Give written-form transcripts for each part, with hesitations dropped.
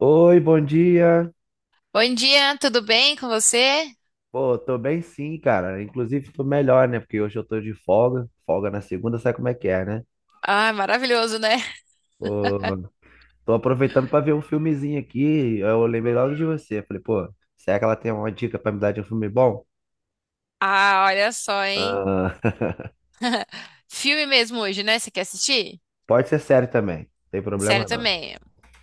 Oi, bom dia. Bom dia, tudo bem com você? Pô, tô bem sim, cara. Inclusive, tô melhor, né? Porque hoje eu tô de folga. Folga na segunda, sabe como é que é, né? Ah, maravilhoso, né? Pô, tô aproveitando pra ver um filmezinho aqui. Eu lembrei logo de você. Falei, pô, será que ela tem uma dica pra me dar de um filme bom? Ah, olha só, hein? Ah, Filme mesmo hoje, né? Você quer assistir? pode ser sério também, não tem Sério problema não. também.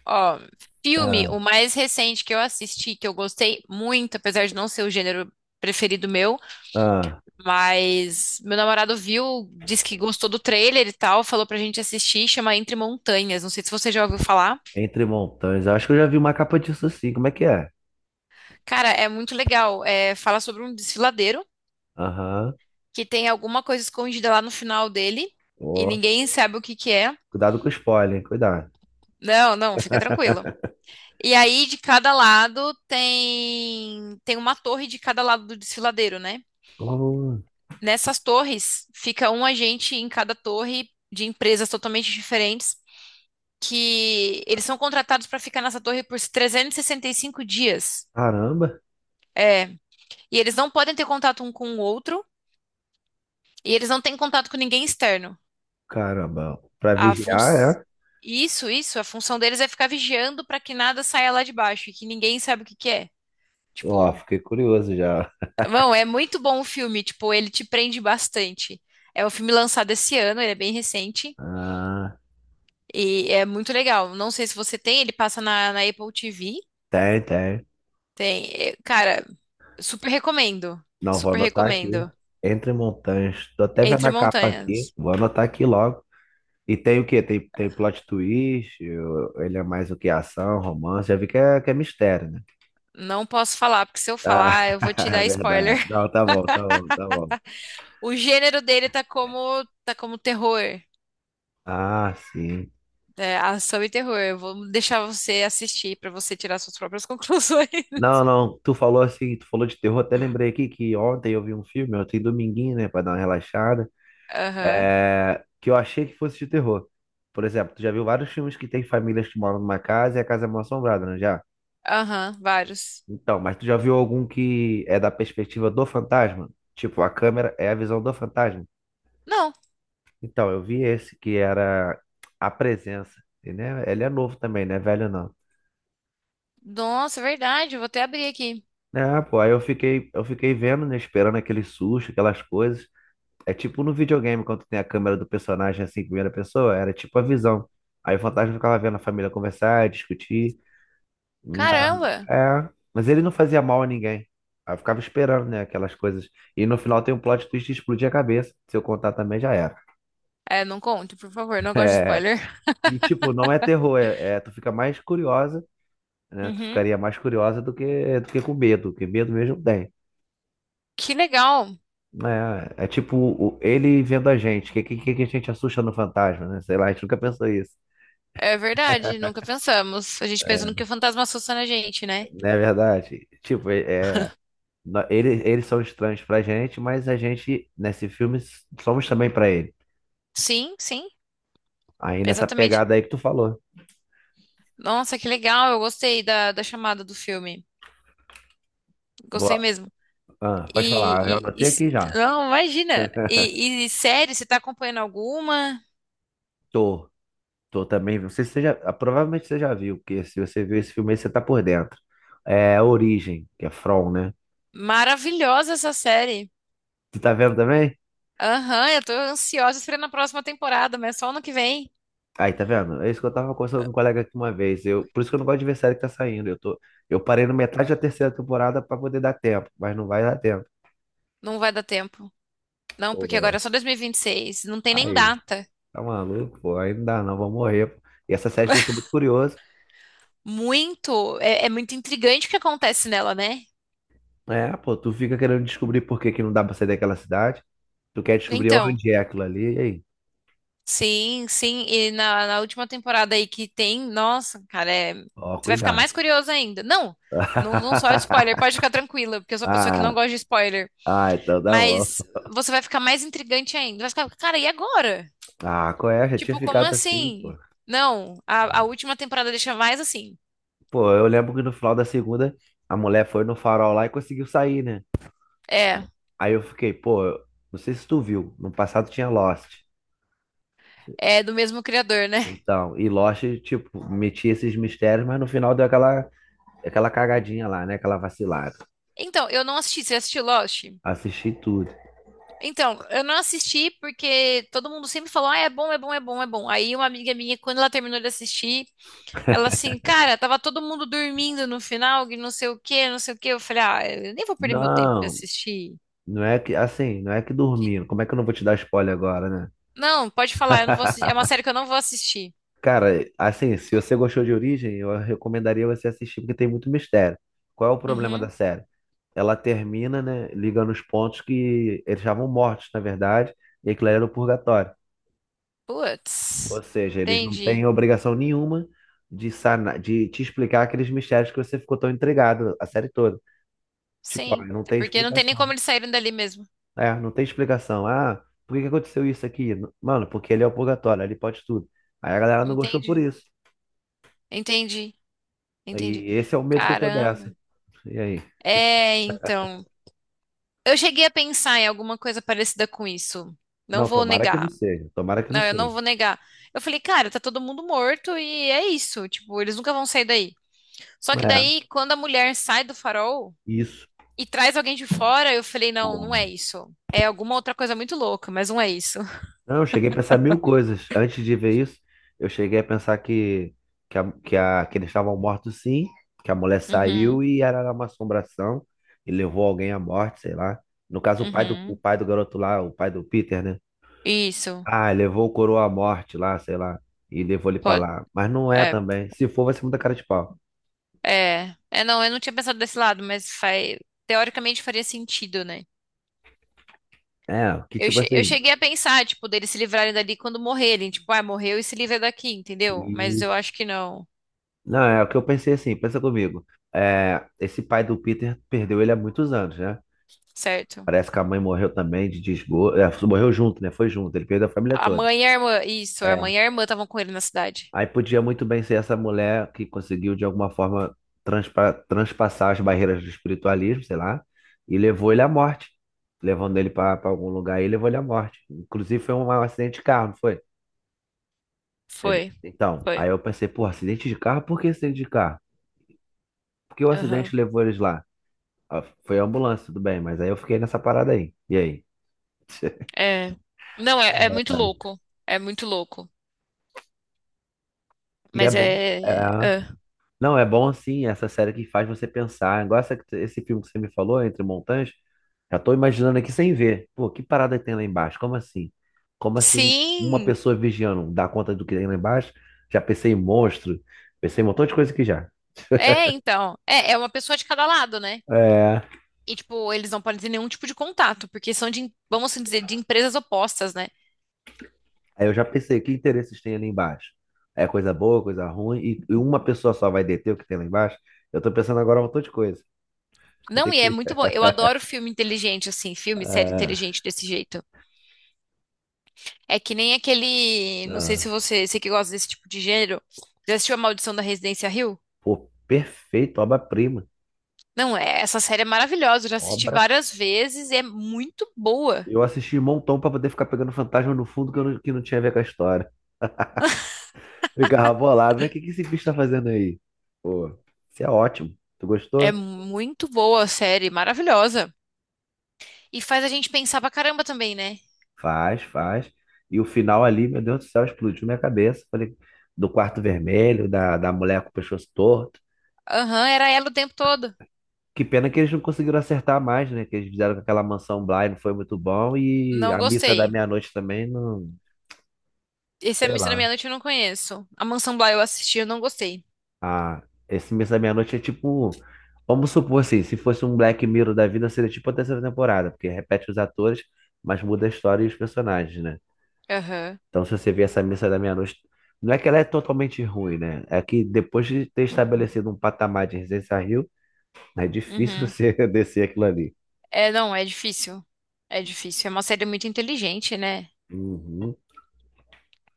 Ó, filme, Ah, o mais recente que eu assisti, que eu gostei muito, apesar de não ser o gênero preferido meu, ah, mas meu namorado viu, disse que gostou do trailer e tal, falou pra gente assistir, chama Entre Montanhas. Não sei se você já ouviu falar. Entre Montanhas. Eu acho que eu já vi uma capa disso sim. Como é que é? Cara, é muito legal. É, fala sobre um desfiladeiro Aham. que tem alguma coisa escondida lá no final dele e Ó, ninguém sabe o que que é. cuidado com o spoiler, hein? Cuidado. Não, não, fica tranquilo. E aí de cada lado tem uma torre de cada lado do desfiladeiro, né? Oh, Nessas torres fica um agente em cada torre de empresas totalmente diferentes que eles são contratados para ficar nessa torre por 365 dias. caramba. É, e eles não podem ter contato um com o outro e eles não têm contato com ninguém externo. Caramba, pra A fun... vigiar, Isso, isso, a função deles é ficar vigiando pra que nada saia lá de baixo e que ninguém sabe o que que é. é? Ó, Tipo, fiquei curioso já. bom, é muito bom o filme, tipo, ele te prende bastante. É um filme lançado esse ano, ele é bem recente Ah, e é muito legal. Não sei se você tem, ele passa na, na Apple TV. tem, tem. Tem. É, cara, super recomendo. Não, vou Super anotar aqui. recomendo. Entre montanhas. Tô até vendo Entre a capa aqui. Montanhas. Vou anotar aqui logo. E tem o quê? Tem, tem plot twist? Eu- ele é mais o que? Ação, romance? Já vi que é mistério, né? Não posso falar, porque se eu Tá, falar, eu vou te é dar spoiler. verdade. Não, tá bom, tá bom, tá bom. O gênero dele tá como terror. Ah, sim. É, ação e terror. Eu vou deixar você assistir pra você tirar suas próprias conclusões. Não, não, tu falou assim, tu falou de terror, até lembrei aqui que ontem eu vi um filme, ontem dominguinho, né, pra dar uma relaxada. Aham, É, que eu achei que fosse de terror. Por exemplo, tu já viu vários filmes que tem famílias que moram numa casa e a casa é mal assombrada, não é já? aham, vários. Então, mas tu já viu algum que é da perspectiva do fantasma? Tipo, a câmera é a visão do fantasma. Não, Então, eu vi esse que era a presença. E, né, ele é novo também, não é velho não. nossa, é verdade, eu vou até abrir aqui. É, pô, aí eu fiquei vendo, né, esperando aquele susto, aquelas coisas. É tipo no videogame, quando tem a câmera do personagem assim, em primeira pessoa, era tipo a visão. Aí o fantasma ficava vendo a família conversar, discutir. Ma- Caramba! é, mas ele não fazia mal a ninguém. Aí eu ficava esperando, né, aquelas coisas. E no final tem um plot twist de explodir a cabeça. Se eu contar também já era. É, não conto, por favor, não gosto de É, spoiler. e tipo, não é terror, é, é- tu fica mais curiosa, né? Tu Uhum. ficaria mais curiosa do que com medo, porque medo mesmo tem. Que legal! É, é tipo o- ele vendo a gente, que a gente assusta no fantasma, né? Sei lá, a gente nunca pensou isso. É verdade, nunca pensamos. A gente pensa no É, que o fantasma assusta na gente, né? não é verdade? Tipo, é, é, nó- ele, eles são estranhos pra gente, mas a gente, nesse filme, somos também pra ele. Sim, sim, Aí nessa exatamente. pegada aí que tu falou. Nossa, que legal, eu gostei da, da chamada do filme. Vou, Gostei mesmo. ah, pode falar, eu anotei aqui já. Não, imagina. E série, você tá acompanhando alguma? Tô, tô também. Não sei se você já, ah, provavelmente você já viu, porque se você viu esse filme aí, você tá por dentro. É Origem, que é From, né? Maravilhosa essa série. Tu tá vendo também? Aham, eu tô ansiosa esperando a próxima temporada, mas só ano que vem. Aí, tá vendo? É isso que eu tava conversando com um colega aqui uma vez. Eu, por isso que eu não gosto de ver série que tá saindo. Eu tô, eu parei na metade da terceira temporada pra poder dar tempo, mas não vai dar tempo. Não vai dar tempo. Não, porque Pô, agora é só 2026. Não tem nem aí, data. tá maluco, pô, aí não dá não, vou morrer. E essa série te deixou muito curioso. Muito, é, é muito intrigante o que acontece nela, né? É, pô, tu fica querendo descobrir por que que não dá pra sair daquela cidade. Tu quer descobrir Então, onde é aquilo ali, e aí? sim, sim. E na, na última temporada aí que tem, nossa, cara, é- Ó, você vai ficar cuidado. mais curioso ainda. Não, não, não só de spoiler, pode ficar tranquila, porque eu sou uma pessoa que não Ah, gosta de spoiler. Então tá Mas bom. você vai ficar mais intrigante ainda. Vai ficar, cara, e agora? Ah, qual é? Já tinha Tipo, como ficado assim, pô. assim? Não, a última temporada deixa mais assim. Pô, eu lembro que no final da segunda, a mulher foi no farol lá e conseguiu sair, né? É, Aí eu fiquei, pô, eu- não sei se tu viu, no passado tinha Lost. é do mesmo criador, né? Então, e Lost, tipo, metia esses mistérios, mas no final deu aquela, aquela cagadinha lá, né? Aquela vacilada. Então, eu não assisti. Você assistiu Lost? Assisti tudo. Então, eu não assisti porque todo mundo sempre falou, ah, é bom, é bom, é bom, é bom. Aí uma amiga minha, quando ela terminou de assistir, ela assim, cara, tava todo mundo dormindo no final, que não sei o quê, não sei o quê. Eu falei, ah, eu nem vou perder meu tempo de Não, assistir. não é que, assim, não é que Que- dormindo. Como é que eu não vou te dar spoiler agora, né? Não, pode falar, eu não vou assistir. É uma série que eu não vou assistir. Cara, assim, se você gostou de Origem, eu recomendaria você assistir, porque tem muito mistério. Qual é o problema da Uhum. série? Ela termina, né, ligando os pontos que eles estavam mortos, na verdade, e aquilo era o purgatório. Ou Putz, seja, eles não têm entendi. obrigação nenhuma de sanar, de te explicar aqueles mistérios que você ficou tão entregado a série toda. Tipo, ó, Sim, não até tem porque não tem nem como explicação. eles saírem dali mesmo. É, não tem explicação. Ah, por que que aconteceu isso aqui? N- mano, porque ele é o purgatório, ele pode tudo. Aí a galera não gostou por Entendi, isso. entendi, entendi. E esse é o medo que eu tô dessa. Caramba. E aí? É, então. Eu cheguei a pensar em alguma coisa parecida com isso. Não Não, vou tomara que não negar. seja. Tomara que Não, não eu seja. não vou negar. Eu falei, cara, tá todo mundo morto e é isso. Tipo, eles nunca vão sair daí. Só que É, daí, quando a mulher sai do farol isso. e traz alguém de fora, eu falei, não, não é Porra. isso. É alguma outra coisa muito louca, mas não é isso. Não, eu cheguei a pensar mil coisas. Antes de ver isso, eu cheguei a pensar que, a, que, a- que eles estavam mortos sim, que a mulher saiu Uhum, e era uma assombração e levou alguém à morte, sei lá. No caso, o uhum. pai do garoto lá, o pai do Peter, né? Isso. Ah, levou o coroa à morte lá, sei lá, e levou ele pra lá. Mas não é É, também. Se for, vai ser muita cara de pau. Não, eu não tinha pensado desse lado, mas teoricamente faria sentido, né? É, que Eu, tipo che- eu assim. cheguei a pensar, tipo, deles se livrarem dali quando morrerem, tipo, ah, morreu e se livra daqui, entendeu? Mas eu Isso. acho que não, Não, é o que eu pensei assim, pensa comigo. É, esse pai do Peter perdeu ele há muitos anos, né? certo? Parece que a mãe morreu também de desgosto. É, morreu junto, né? Foi junto, ele perdeu a família A toda. mãe e a irmã, isso, a É, mãe e a irmã estavam com ele na cidade. aí podia muito bem ser essa mulher que conseguiu, de alguma forma, transpa- transpassar as barreiras do espiritualismo, sei lá, e levou ele à morte. Levando ele para algum lugar e levou ele à morte. Inclusive, foi um acidente de carro, não foi? Ele- Foi, então, foi. aí eu pensei, pô, acidente de carro? Por que acidente de carro? Por que o Aham. acidente levou eles lá? Ah, foi a ambulância, tudo bem, mas aí eu fiquei nessa parada aí. E aí? É. Não, é muito É. louco, é muito louco. E é Mas bom. É. é. é. Não, é bom assim, essa série que faz você pensar. Igual essa, esse filme que você me falou, Entre Montanhas, já tô imaginando aqui sem ver. Pô, que parada tem lá embaixo? Como assim? Como assim um- uma Sim, pessoa vigiando dá conta do que tem lá embaixo? Já pensei em monstro, pensei em um montão de coisa que já. é, então. É uma pessoa de cada lado, né? É. E, tipo, eles não podem ter nenhum tipo de contato, porque são vamos assim dizer, de empresas opostas, né? Aí eu já pensei, que interesses tem ali embaixo? É coisa boa, coisa ruim, e uma pessoa só vai deter o que tem lá embaixo? Eu tô pensando agora um montão de coisa. Vai ter Não, e é que. muito bom. Eu adoro filme inteligente, assim, filme, série ah, inteligente desse jeito. É que nem aquele. Não sei ah, se você, você que gosta desse tipo de gênero, já assistiu A Maldição da Residência Hill? pô, perfeito, obra-prima. Não, é, essa série é maravilhosa, eu já assisti várias vezes e é muito boa. Eu assisti um montão pra poder ficar pegando fantasma no fundo que, eu não, que não tinha a ver com a história. Ficava bolado, mas o que, que esse bicho tá fazendo aí? Pô, isso é ótimo. Tu É gostou? muito boa a série, maravilhosa. E faz a gente pensar pra caramba também, né? Faz, faz. E o final ali, meu Deus do céu, explodiu minha cabeça. Falei, do quarto vermelho, da, da mulher com o pescoço torto. Aham, era ela o tempo todo. Que pena que eles não conseguiram acertar mais, né? Que eles fizeram com aquela mansão Bly, não foi muito bom. E Não a missa da gostei. meia-noite também, não Esse A sei Missa da lá. Meia-Noite eu não conheço. A Mansão Bly eu assisti, eu não gostei. Ah, esse Missa da Meia-Noite é tipo. Vamos supor assim, se fosse um Black Mirror da vida, seria tipo a terceira temporada, porque repete os atores, mas muda a história e os personagens, né? Aham. Então, se você vê essa Missa da Meia-Noite, não é que ela é totalmente ruim, né? É que depois de ter estabelecido um patamar de Residência Rio, é difícil Uhum. você descer aquilo ali. É, não, é difícil. É difícil. É uma série muito inteligente, né? Uhum.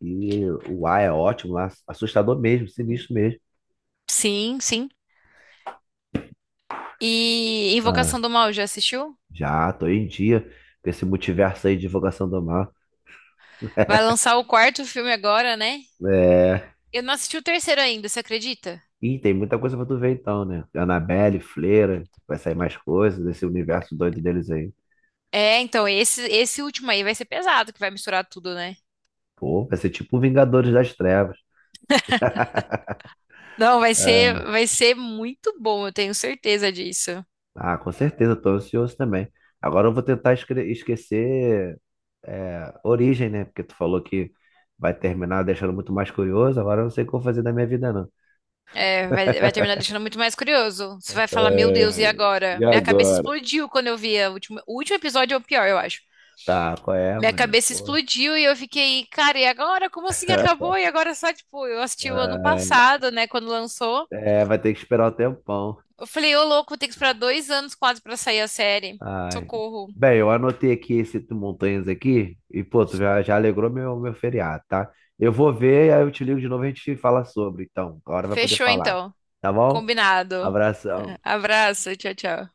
E o ar é ótimo lá, assustador mesmo, sinistro mesmo. Sim, sim. E Ah, Invocação do Mal, já assistiu? já, tô em dia com esse multiverso aí de Divulgação do Mal. Vai lançar o quarto filme agora, né? É, Eu não assisti o terceiro ainda, você acredita? ih, tem muita coisa pra tu ver então, né? Annabelle, Fleira, vai sair mais coisas desse universo doido deles aí. É, então, esse último aí vai ser pesado, que vai misturar tudo, né? Pô, vai ser tipo Vingadores das Trevas. Não, vai ser, É. vai ser muito bom, eu tenho certeza disso. Ah, com certeza, tô ansioso também. Agora eu vou tentar esque- esquecer é, Origem, né? Porque tu falou que vai terminar deixando muito mais curioso. Agora eu não sei o que eu vou fazer da minha vida, não. É, vai terminar deixando muito mais curioso. Você vai falar, meu É, Deus, e agora? e Minha cabeça agora? explodiu quando eu vi a o último episódio, é o pior, eu acho. Tá, qual é, Minha mano? cabeça Pô, explodiu e eu fiquei, cara, e agora? Como assim acabou? E agora só, tipo, eu assisti o ano ah, passado, né, quando lançou. é, vai ter que esperar um tempão. Eu falei, ô louco, tem que esperar dois anos quase pra sair a série. Ai. Socorro. Bem, eu anotei aqui esse tu- montanhas aqui e, pô, tu já, já alegrou meu, meu feriado, tá? Eu vou ver, aí eu te ligo de novo e a gente fala sobre. Então, agora vai poder Fechou falar. então. Tá bom? Combinado. Abração. Abraço, tchau, tchau.